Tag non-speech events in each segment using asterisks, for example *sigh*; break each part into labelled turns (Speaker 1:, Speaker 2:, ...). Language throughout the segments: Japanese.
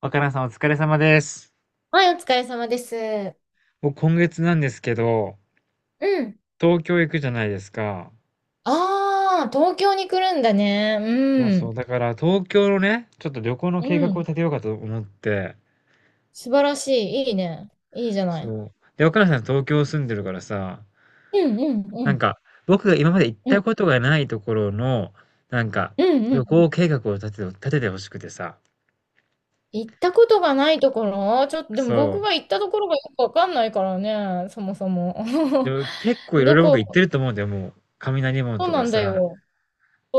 Speaker 1: 若菜さんお疲れ様です。
Speaker 2: はい、お疲れ様です。
Speaker 1: 僕今月なんですけど、
Speaker 2: うん。
Speaker 1: 東京行くじゃないですか。
Speaker 2: ああ、東京に来るんだね。
Speaker 1: そう
Speaker 2: う
Speaker 1: そう。
Speaker 2: ん。
Speaker 1: だから東京のね、ちょっと旅行の
Speaker 2: う
Speaker 1: 計画を
Speaker 2: ん。
Speaker 1: 立てようかと思って、
Speaker 2: 素晴らしい。いいね。いいじゃない。
Speaker 1: そう。で、若菜さん東京住んでるからさ、
Speaker 2: うんうんう
Speaker 1: なん
Speaker 2: ん。
Speaker 1: か僕が今まで行っ
Speaker 2: う
Speaker 1: た
Speaker 2: ん。
Speaker 1: ことがないところの、なんか
Speaker 2: うんう
Speaker 1: 旅
Speaker 2: ん。
Speaker 1: 行計画を立ててほしくてさ。
Speaker 2: 行ったことがないところ、ちょっと、でも
Speaker 1: そ
Speaker 2: 僕が
Speaker 1: う。
Speaker 2: 行ったところがよくわかんないからね、そもそも。
Speaker 1: で
Speaker 2: *laughs*
Speaker 1: も結構いろい
Speaker 2: ど
Speaker 1: ろ僕行って
Speaker 2: こ、
Speaker 1: ると思うんだよ、もう。雷門
Speaker 2: そ
Speaker 1: と
Speaker 2: うな
Speaker 1: か
Speaker 2: んだ
Speaker 1: さ、
Speaker 2: よ。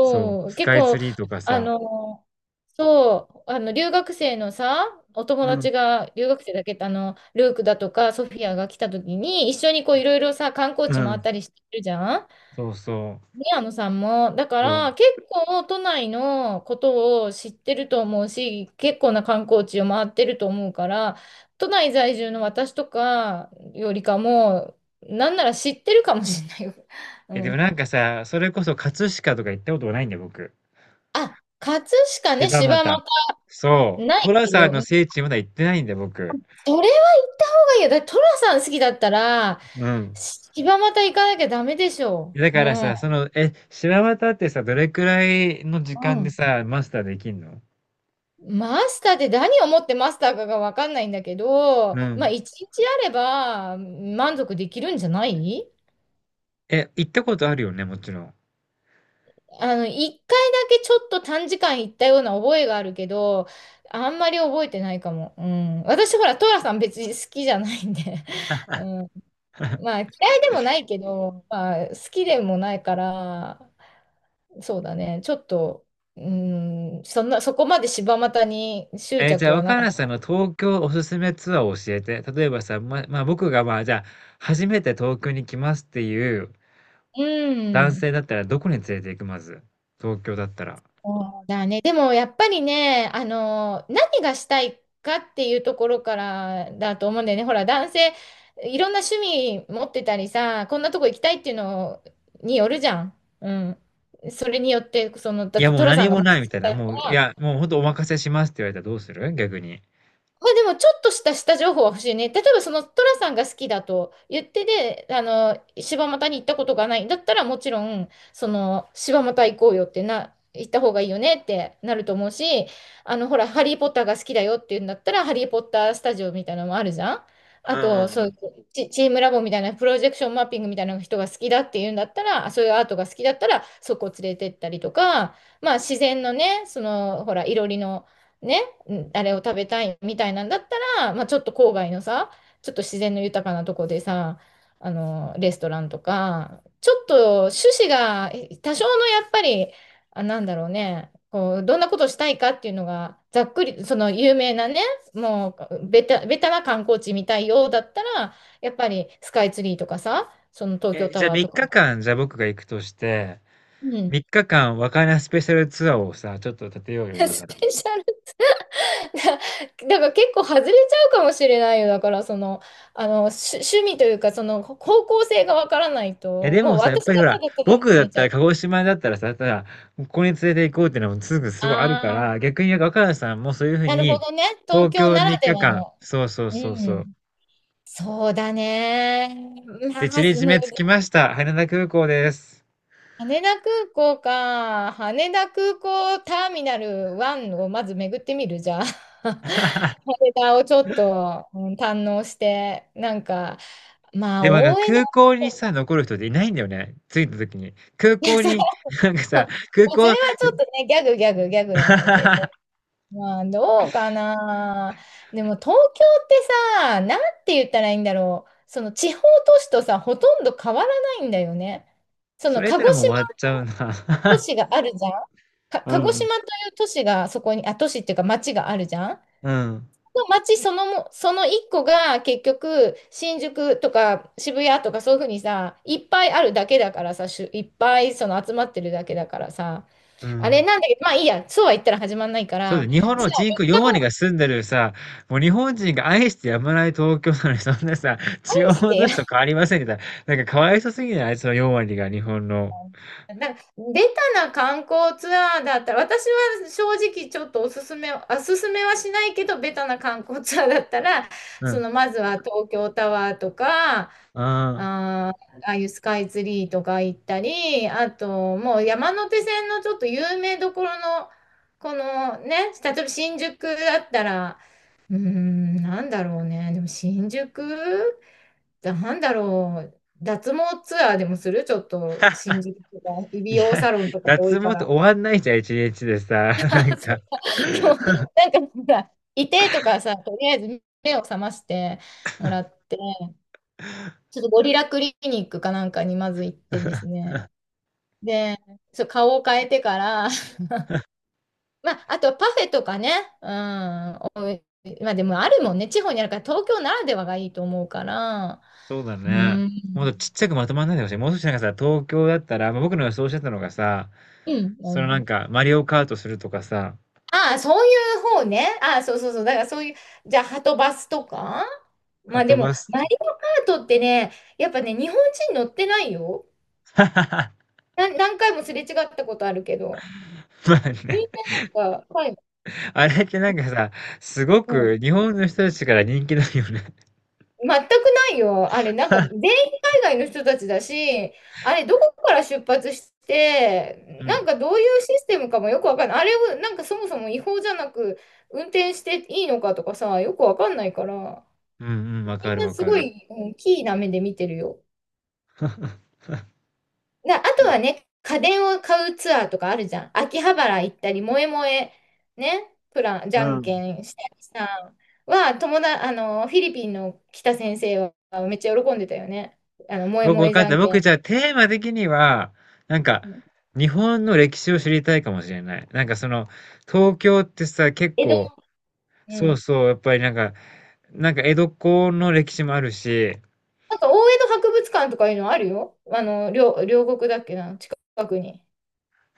Speaker 1: そう、
Speaker 2: う、
Speaker 1: ス
Speaker 2: 結
Speaker 1: カイツ
Speaker 2: 構、
Speaker 1: リーとか
Speaker 2: あ
Speaker 1: さ。
Speaker 2: の、そう、あの、留学生のさ、お友
Speaker 1: うん。
Speaker 2: 達が、留学生だけ、あの、ルークだとか、ソフィアが来た時に、一緒にこう、いろいろさ、観光
Speaker 1: う
Speaker 2: 地回
Speaker 1: ん。
Speaker 2: ったりしてるじゃん、
Speaker 1: そうそう。
Speaker 2: 宮野さんも。だか
Speaker 1: そう
Speaker 2: ら、結構、都内のことを知ってると思うし、結構な観光地を回ってると思うから、都内在住の私とかよりかも、なんなら知ってるかもしれないよ。*laughs* う
Speaker 1: でも
Speaker 2: ん。
Speaker 1: なんかさ、それこそ葛飾とか行ったことがないんだよ、僕。
Speaker 2: あ、葛飾
Speaker 1: 柴
Speaker 2: ね、柴
Speaker 1: 又。
Speaker 2: 又。
Speaker 1: そう。
Speaker 2: ない
Speaker 1: 寅
Speaker 2: け
Speaker 1: さん
Speaker 2: ど、
Speaker 1: の聖地まだ行ってないんだよ、僕。
Speaker 2: それはいや、だトラさん好きだったら、
Speaker 1: うん。
Speaker 2: 柴又行かなきゃダメでしょ
Speaker 1: だ
Speaker 2: う。う
Speaker 1: から
Speaker 2: ん。
Speaker 1: さ、その、柴又ってさ、どれくらいの時
Speaker 2: う
Speaker 1: 間で
Speaker 2: ん。
Speaker 1: さ、マスターできんの？
Speaker 2: マスターって何をもってマスターかがわかんないんだけど、
Speaker 1: う
Speaker 2: まあ
Speaker 1: ん。
Speaker 2: 一日あれば満足できるんじゃない？
Speaker 1: 行ったことあるよね、もちろん。
Speaker 2: あの、一回だけちょっと短時間行ったような覚えがあるけど、あんまり覚えてないかも。うん。私ほら、トラさん別に好きじゃないんで。*laughs* うん。まあ嫌いでもないけど、まあ好きでもないから、そうだね。ちょっと、うーん、そんな、そこまで柴又に執
Speaker 1: じゃ
Speaker 2: 着
Speaker 1: あ、
Speaker 2: はな
Speaker 1: 若
Speaker 2: かっ
Speaker 1: 菜
Speaker 2: た。
Speaker 1: さんの東京おすすめツアーを教えて。例えばさ、まあ、僕が、まあ、じゃあ、初めて東京に来ますっていう
Speaker 2: う
Speaker 1: 男
Speaker 2: ん。
Speaker 1: 性だったら、どこに連れて行く、まず。東京だったら。
Speaker 2: そうだね。でもやっぱりね、あの、何がしたいかっていうところからだと思うんだよね。ほら、男性、いろんな趣味持ってたりさ、こんなとこ行きたいっていうのによるじゃん。うん。それによって、その、だ
Speaker 1: い
Speaker 2: っ
Speaker 1: や、
Speaker 2: て
Speaker 1: もう
Speaker 2: トラさ
Speaker 1: 何
Speaker 2: んが
Speaker 1: も
Speaker 2: もし
Speaker 1: ないみたい
Speaker 2: 好
Speaker 1: な。
Speaker 2: きだっ
Speaker 1: もう、
Speaker 2: た
Speaker 1: いや、
Speaker 2: ら、
Speaker 1: もうほんとお任せしますって言われたらどうする、逆に？
Speaker 2: まあ、でもちょっとした下情報は欲しいね。例えばそのトラさんが好きだと言ってで、あの、柴又に行ったことがないんだったらもちろん、その、柴又行こうよってな、行った方がいいよねってなると思うし、あの、ほら、ハリー・ポッターが好きだよって言うんだったら、ハリー・ポッタースタジオみたいなのもあるじゃん。
Speaker 1: う
Speaker 2: あ
Speaker 1: ん
Speaker 2: と、そ
Speaker 1: う
Speaker 2: うい
Speaker 1: ん。
Speaker 2: うチームラボみたいな、プロジェクションマッピングみたいな人が好きだって言うんだったら、あそういうアートが好きだったら、そこ連れてったりとか、まあ自然のね、その、ほら、いろりの、ねんあれを食べたいみたいなんだったら、まあ、ちょっと郊外のさ、ちょっと自然の豊かなとこでさ、あの、レストランとか、ちょっと趣旨がえ多少のやっぱり、あ、なんだろうね、こう、どんなことしたいかっていうのが、ざっくり、その有名なね、もうベタな観光地みたいようだったら、やっぱりスカイツリーとかさ、その東京
Speaker 1: じ
Speaker 2: タ
Speaker 1: ゃあ3
Speaker 2: ワーとか。
Speaker 1: 日間、じゃあ僕が行くとして、
Speaker 2: う
Speaker 1: 3
Speaker 2: ん。
Speaker 1: 日間和歌山スペシャルツアーをさ、ちょっと立てよう
Speaker 2: *laughs*
Speaker 1: よ、今
Speaker 2: ス
Speaker 1: から。
Speaker 2: ペシャル。 *laughs* だから結構外れちゃうかもしれないよ。だからその、あの、し趣味というか、その方向性がわからない
Speaker 1: いや、
Speaker 2: と、
Speaker 1: で
Speaker 2: もう
Speaker 1: もさ、やっ
Speaker 2: 私
Speaker 1: ぱ
Speaker 2: が
Speaker 1: りほ
Speaker 2: た
Speaker 1: ら、
Speaker 2: だただ
Speaker 1: 僕
Speaker 2: 決
Speaker 1: だっ
Speaker 2: めち
Speaker 1: た
Speaker 2: ゃ
Speaker 1: ら、鹿
Speaker 2: う。
Speaker 1: 児島だったらさ、ただ、ここに連れて行こうっていうのもすぐすごいあるか
Speaker 2: ああ、
Speaker 1: ら、逆に若菜さんもそういうふう
Speaker 2: なるほ
Speaker 1: に、
Speaker 2: どね。東
Speaker 1: 東
Speaker 2: 京
Speaker 1: 京3
Speaker 2: ならで
Speaker 1: 日
Speaker 2: は
Speaker 1: 間、
Speaker 2: の。
Speaker 1: そうそう
Speaker 2: う
Speaker 1: そうそう。
Speaker 2: ん。そうだね。ま
Speaker 1: で、
Speaker 2: あ、
Speaker 1: ちりじ
Speaker 2: む
Speaker 1: め着きました。羽田空港です。
Speaker 2: 羽田空港か。羽田空港ターミナル1をまず巡ってみる、じゃあ。*laughs*
Speaker 1: *laughs*
Speaker 2: 羽田をちょっと、うん堪能して、なんか、まあ、
Speaker 1: でもなんか
Speaker 2: 大江戸、
Speaker 1: 空港にさ、残る人っていないんだよね、着いた時に。空
Speaker 2: いや、
Speaker 1: 港
Speaker 2: そ
Speaker 1: に
Speaker 2: ま
Speaker 1: *laughs* なんかさ、空
Speaker 2: あそれ
Speaker 1: 港
Speaker 2: はちょっとね、ギャグなんだけど、
Speaker 1: *laughs*
Speaker 2: まあどうかな。でも東京ってさ、なんて言ったらいいんだろう。その地方都市とさ、ほとんど変わらないんだよね。そ
Speaker 1: そ
Speaker 2: の
Speaker 1: れっ
Speaker 2: 鹿
Speaker 1: た
Speaker 2: 児
Speaker 1: らもう
Speaker 2: 島
Speaker 1: 終わっちゃう
Speaker 2: の都
Speaker 1: な。
Speaker 2: 市があるじゃん。か、
Speaker 1: う
Speaker 2: 鹿児
Speaker 1: ん。
Speaker 2: 島という都市がそこに、あ、都市っていうか町があるじゃん。
Speaker 1: うん。
Speaker 2: の街そのも、その一個が結局、新宿とか渋谷とかそういうふうにさ、いっぱいあるだけだからさ、しゅいっぱいその集まってるだけだからさ、
Speaker 1: う
Speaker 2: あれ
Speaker 1: ん。
Speaker 2: なんだけど、まあいいや、そうは言ったら始まんないか
Speaker 1: そう
Speaker 2: ら、
Speaker 1: だ日本
Speaker 2: じゃ
Speaker 1: の
Speaker 2: あ、
Speaker 1: 人
Speaker 2: み
Speaker 1: 口
Speaker 2: っか
Speaker 1: 4割が
Speaker 2: も
Speaker 1: 住んでるさ、もう日本人が愛してやまない東京なのに、そんなさ、
Speaker 2: 愛
Speaker 1: 地
Speaker 2: し
Speaker 1: 方
Speaker 2: て
Speaker 1: 都
Speaker 2: や。
Speaker 1: 市と変
Speaker 2: *laughs*
Speaker 1: わりませんみたいな。なんかかわいそうすぎない？その4割が日本の。
Speaker 2: なんか、ベな観光ツアーだったら、私は正直ちょっとおすすめ、おすすめはしないけど、ベタな観光ツアーだったら、
Speaker 1: う
Speaker 2: そ
Speaker 1: ん。
Speaker 2: のまずは東京タワーとか、あー、
Speaker 1: ああ。
Speaker 2: ああいうスカイツリーとか行ったり、あともう山手線のちょっと有名どころの、このね、例えば新宿だったら、うーん、なんだろうね、でも新宿なんだろう、脱毛ツアーでもするちょっと新
Speaker 1: *laughs*
Speaker 2: 宿とか、美
Speaker 1: い
Speaker 2: 容
Speaker 1: や、
Speaker 2: サロンとか多
Speaker 1: 脱
Speaker 2: いか
Speaker 1: 毛って
Speaker 2: ら。
Speaker 1: 終わんないじゃん、1日でさ、なん
Speaker 2: *laughs* そ
Speaker 1: か。
Speaker 2: うか。でも、なんかほら、いてとかさ、とりあえず目を覚ましてもらって、ちょっとゴリラクリニックかなんかにまず行ってですね、で、そう、顔を変えてから、*laughs* まあ、あとパフェとかね、うん、おいまあでもあるもんね、地方にあるから、東京ならではがいいと思うから、
Speaker 1: そうだ
Speaker 2: う
Speaker 1: ね。
Speaker 2: ん、
Speaker 1: もっとちっちゃくまとまんないでほしい。もう少しなんかさ、東京だったら、まあ、僕の予想してたのがさ、
Speaker 2: うん、
Speaker 1: そ
Speaker 2: う
Speaker 1: のなん
Speaker 2: ん。
Speaker 1: か、マリオカートするとかさ、
Speaker 2: ああ、そういう方ね。ああ、そうそうそう。だからそういう、じゃあ、はとバスとか、ま
Speaker 1: は
Speaker 2: あで
Speaker 1: と
Speaker 2: も、
Speaker 1: バス、
Speaker 2: マリオカートってね、やっぱね、日本人乗ってないよ。
Speaker 1: *laughs*
Speaker 2: な何回もすれ違ったことあるけど、
Speaker 1: まあ
Speaker 2: み
Speaker 1: ね、
Speaker 2: んななんか、はい、
Speaker 1: あれってなんかさ、すごく日本の人たちから人気だよね。
Speaker 2: 全くないよ。あれ、なんか全員
Speaker 1: *laughs*
Speaker 2: 海外の人たちだし、あれ、どこから出発して、
Speaker 1: う
Speaker 2: なん
Speaker 1: ん。
Speaker 2: かどういうシステムかもよくわかんない。あれを、なんかそもそも違法じゃなく、運転していいのかとかさ、よくわかんないから、
Speaker 1: うんうん、
Speaker 2: み
Speaker 1: わか
Speaker 2: ん
Speaker 1: る
Speaker 2: な
Speaker 1: わ
Speaker 2: す
Speaker 1: か
Speaker 2: ご
Speaker 1: る。
Speaker 2: い、うん、キーな目で見てるよ。な、あとはね、家電を買うツアーとかあるじゃん。秋葉原行ったり、萌え萌え、ね、プラン、じ
Speaker 1: う
Speaker 2: ゃん
Speaker 1: ん。
Speaker 2: けんしたりさ、は、友だ、あの、フィリピンの北先生はめっちゃ喜んでたよね。あの、萌え
Speaker 1: 僕
Speaker 2: 萌
Speaker 1: わ
Speaker 2: えじ
Speaker 1: かっ
Speaker 2: ゃ
Speaker 1: た。
Speaker 2: んけ
Speaker 1: 僕
Speaker 2: ん。
Speaker 1: じゃあテーマ的には、なん
Speaker 2: う
Speaker 1: か、
Speaker 2: ん
Speaker 1: 日本の歴史を知りたいかもしれない。なんかその、東京ってさ、結
Speaker 2: 江戸、
Speaker 1: 構、
Speaker 2: う
Speaker 1: そう
Speaker 2: ん。
Speaker 1: そう、やっぱりなんか江戸っ子の歴史もあるし、へ
Speaker 2: なんか、大江戸博物館とかいうのあるよ。あの、両国だっけな、近くに。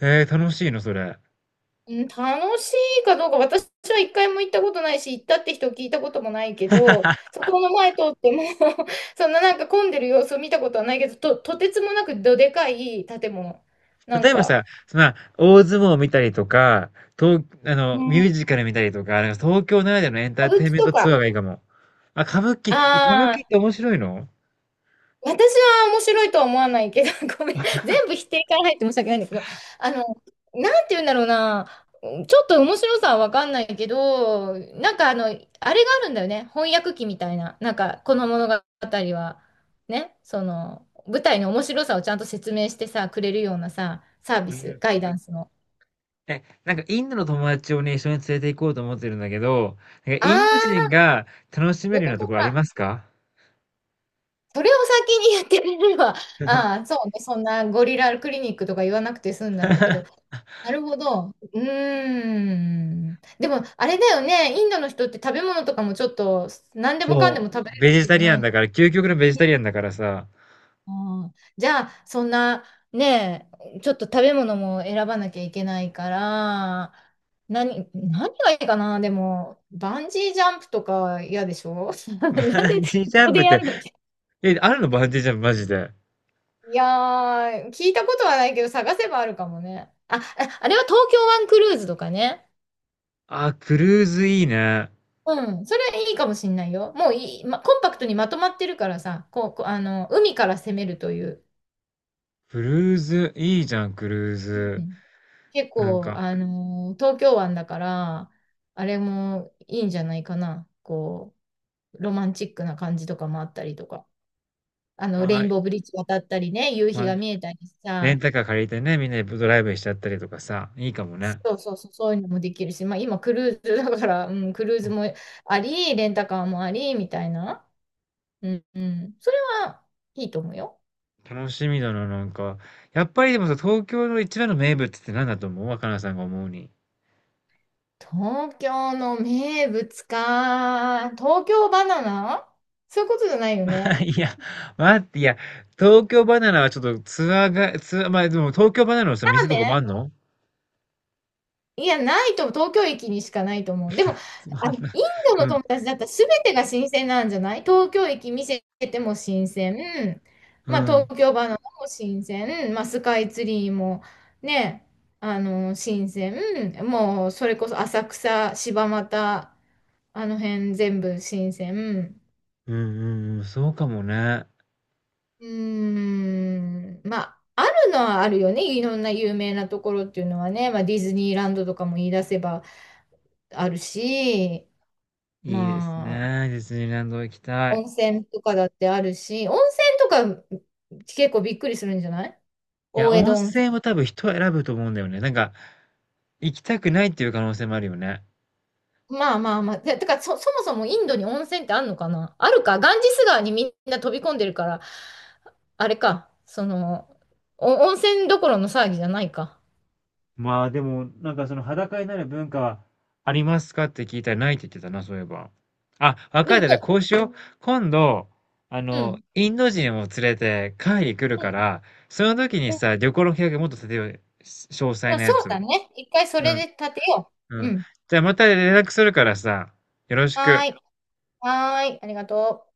Speaker 1: え、楽しいの、それ？
Speaker 2: うん、楽しいかどうか、私は一回も行ったことないし、行ったって人を聞いたこともないけど、そこの前通っても *laughs* そんななんか混んでる様子を見たことはないけど、とてつもなくどでかい建物。なん
Speaker 1: 例えば
Speaker 2: か、
Speaker 1: さ、その、大相撲を見たりとか、東あ
Speaker 2: う
Speaker 1: の、ミュー
Speaker 2: ん、
Speaker 1: ジカル見たりとか、なんか東京ならではのエンタ
Speaker 2: 歌
Speaker 1: ー
Speaker 2: 舞
Speaker 1: テイン
Speaker 2: 伎
Speaker 1: メン
Speaker 2: と
Speaker 1: トツアー
Speaker 2: か、
Speaker 1: がいいかも。あ、歌舞伎、え歌舞
Speaker 2: あ
Speaker 1: 伎って
Speaker 2: あ、
Speaker 1: 面白いの？
Speaker 2: 私は面白いとは思わないけど、*laughs* ごめん。全部否定から入って申し訳ないんだけど、あの、なんて言うんだろうな。ちょっと面白さはわかんないけど、なんかあの、あれがあるんだよね。翻訳機みたいな。なんか、この物語は、ね、その、舞台の面白さをちゃんと説明してさ、くれるようなさ、サービ
Speaker 1: う
Speaker 2: ス、
Speaker 1: ん。
Speaker 2: ガイダンスの。
Speaker 1: なんかインドの友達をね、一緒に連れて行こうと思ってるんだけど、なん
Speaker 2: あ
Speaker 1: かインド人
Speaker 2: あ、
Speaker 1: が楽しめ
Speaker 2: そういう
Speaker 1: るよう
Speaker 2: こ
Speaker 1: なと
Speaker 2: と
Speaker 1: ころあり
Speaker 2: か。
Speaker 1: ますか？
Speaker 2: それを先にやってくれれば、ああ、
Speaker 1: *laughs*
Speaker 2: そうね、そんなゴリラクリニックとか言わなくて済んだんだけど、なるほど。うーん。でも、あれだよね、インドの人って食べ物とかもちょっと、何でもかんで
Speaker 1: そ
Speaker 2: も
Speaker 1: う、
Speaker 2: 食べれる
Speaker 1: ベ
Speaker 2: わ
Speaker 1: ジ
Speaker 2: け
Speaker 1: タ
Speaker 2: じゃ
Speaker 1: リ
Speaker 2: な
Speaker 1: アン
Speaker 2: い。
Speaker 1: だから、究極のベジタリアンだからさ、
Speaker 2: ああじゃあ、そんな、ねえ、ちょっと食べ物も選ばなきゃいけないから、何がいいかな、でも、バンジージャンプとか嫌でしょ？ *laughs* な
Speaker 1: *laughs*
Speaker 2: んで、
Speaker 1: バンジージ
Speaker 2: こ
Speaker 1: ャ
Speaker 2: こ
Speaker 1: ンプ
Speaker 2: で
Speaker 1: っ
Speaker 2: や
Speaker 1: て、
Speaker 2: るの？
Speaker 1: あるのバンジージャンプマジで？
Speaker 2: いやー、聞いたことはないけど、探せばあるかもね。あ、ああれは東京湾クルーズとかね。
Speaker 1: あ、クルーズいいね。
Speaker 2: うん、それいいかもしんないよ。もういい、ま、コンパクトにまとまってるからさ、こう、こうあの、海から攻めるという。
Speaker 1: クルーズ、いいじゃん、クルー
Speaker 2: う
Speaker 1: ズ。
Speaker 2: ん、結
Speaker 1: なん
Speaker 2: 構、
Speaker 1: か、
Speaker 2: あの東京湾だから、あれもいいんじゃないかな。こう、ロマンチックな感じとかもあったりとか。あ
Speaker 1: ま
Speaker 2: の、レイ
Speaker 1: あ、
Speaker 2: ンボーブリッジ渡ったりね、夕日
Speaker 1: まあ、
Speaker 2: が見えたり
Speaker 1: レン
Speaker 2: さ、
Speaker 1: タカー借りてね、みんなでドライブしちゃったりとかさ、いいかもね。
Speaker 2: そうそうそう、そういうのもできるし、まあ今クルーズだから、うん、クルーズもあり、レンタカーもあり、みたいな。うん、うん。それはいいと思うよ。
Speaker 1: 楽しみだな、なんか。やっぱりでもさ、東京の一番の名物って何だと思う？若菜さんが思うに。
Speaker 2: 東京の名物か。東京バナナ、そういうことじゃないよ
Speaker 1: *laughs*
Speaker 2: ね。
Speaker 1: いや、待って、いや、東京ばな奈はちょっとツアー、まあでも東京ばな奈のさ、
Speaker 2: ラ
Speaker 1: 店
Speaker 2: ー
Speaker 1: と
Speaker 2: メ
Speaker 1: かもあ
Speaker 2: ン、
Speaker 1: んの？
Speaker 2: いや、ないと思う、東京駅にしかないと思う。でも、
Speaker 1: つまん
Speaker 2: あ、
Speaker 1: ない。
Speaker 2: インド
Speaker 1: う
Speaker 2: の
Speaker 1: ん、
Speaker 2: 友達だったら全てが新鮮なんじゃない？東京駅見せても新鮮。
Speaker 1: う
Speaker 2: まあ、
Speaker 1: ん、うん、
Speaker 2: 東京バナナも新鮮。まあ、スカイツリーもね、あの、新鮮。もう、それこそ浅草、柴又、あの辺全部新鮮。
Speaker 1: うん、うん、そうかもね。
Speaker 2: うーん。まあ、あるのはあるよね。いろんな有名なところっていうのはね。まあ、ディズニーランドとかも言い出せばあるし。
Speaker 1: いいです
Speaker 2: まあ、
Speaker 1: ね。ディズニーランド行きたい。
Speaker 2: 温泉とかだってあるし、温泉とか結構びっくりするんじゃない？
Speaker 1: いや、
Speaker 2: 大江
Speaker 1: 温
Speaker 2: 戸温
Speaker 1: 泉は
Speaker 2: 泉。
Speaker 1: 多分人を選ぶと思うんだよね。なんか、行きたくないっていう可能性もあるよね。
Speaker 2: まあ。ててか、そもそもインドに温泉ってあるのかな？あるか。ガンジス川にみんな飛び込んでるから、あれか。その、お温泉どころの騒ぎじゃないか。
Speaker 1: まあでも、なんかその裸になる文化は、ありますかって聞いたらないって言ってたな、そういえば。あ、わ
Speaker 2: で
Speaker 1: かっ
Speaker 2: も、
Speaker 1: た。じ
Speaker 2: そ
Speaker 1: ゃあこ
Speaker 2: う
Speaker 1: うしよう。今度、
Speaker 2: うん。
Speaker 1: インド人を連れて会議来る
Speaker 2: う
Speaker 1: か
Speaker 2: ん。
Speaker 1: ら、その時に
Speaker 2: うん
Speaker 1: さ、旅行の計画もっと立てようよ。詳
Speaker 2: ま
Speaker 1: 細
Speaker 2: あ
Speaker 1: な
Speaker 2: そ
Speaker 1: や
Speaker 2: う
Speaker 1: つを。
Speaker 2: だね。一回それ
Speaker 1: うん、
Speaker 2: で立てよ
Speaker 1: う
Speaker 2: う。
Speaker 1: ん。
Speaker 2: うん。
Speaker 1: じゃあまた連絡するからさ、よろし
Speaker 2: は
Speaker 1: く。
Speaker 2: ーい。はーい。ありがとう。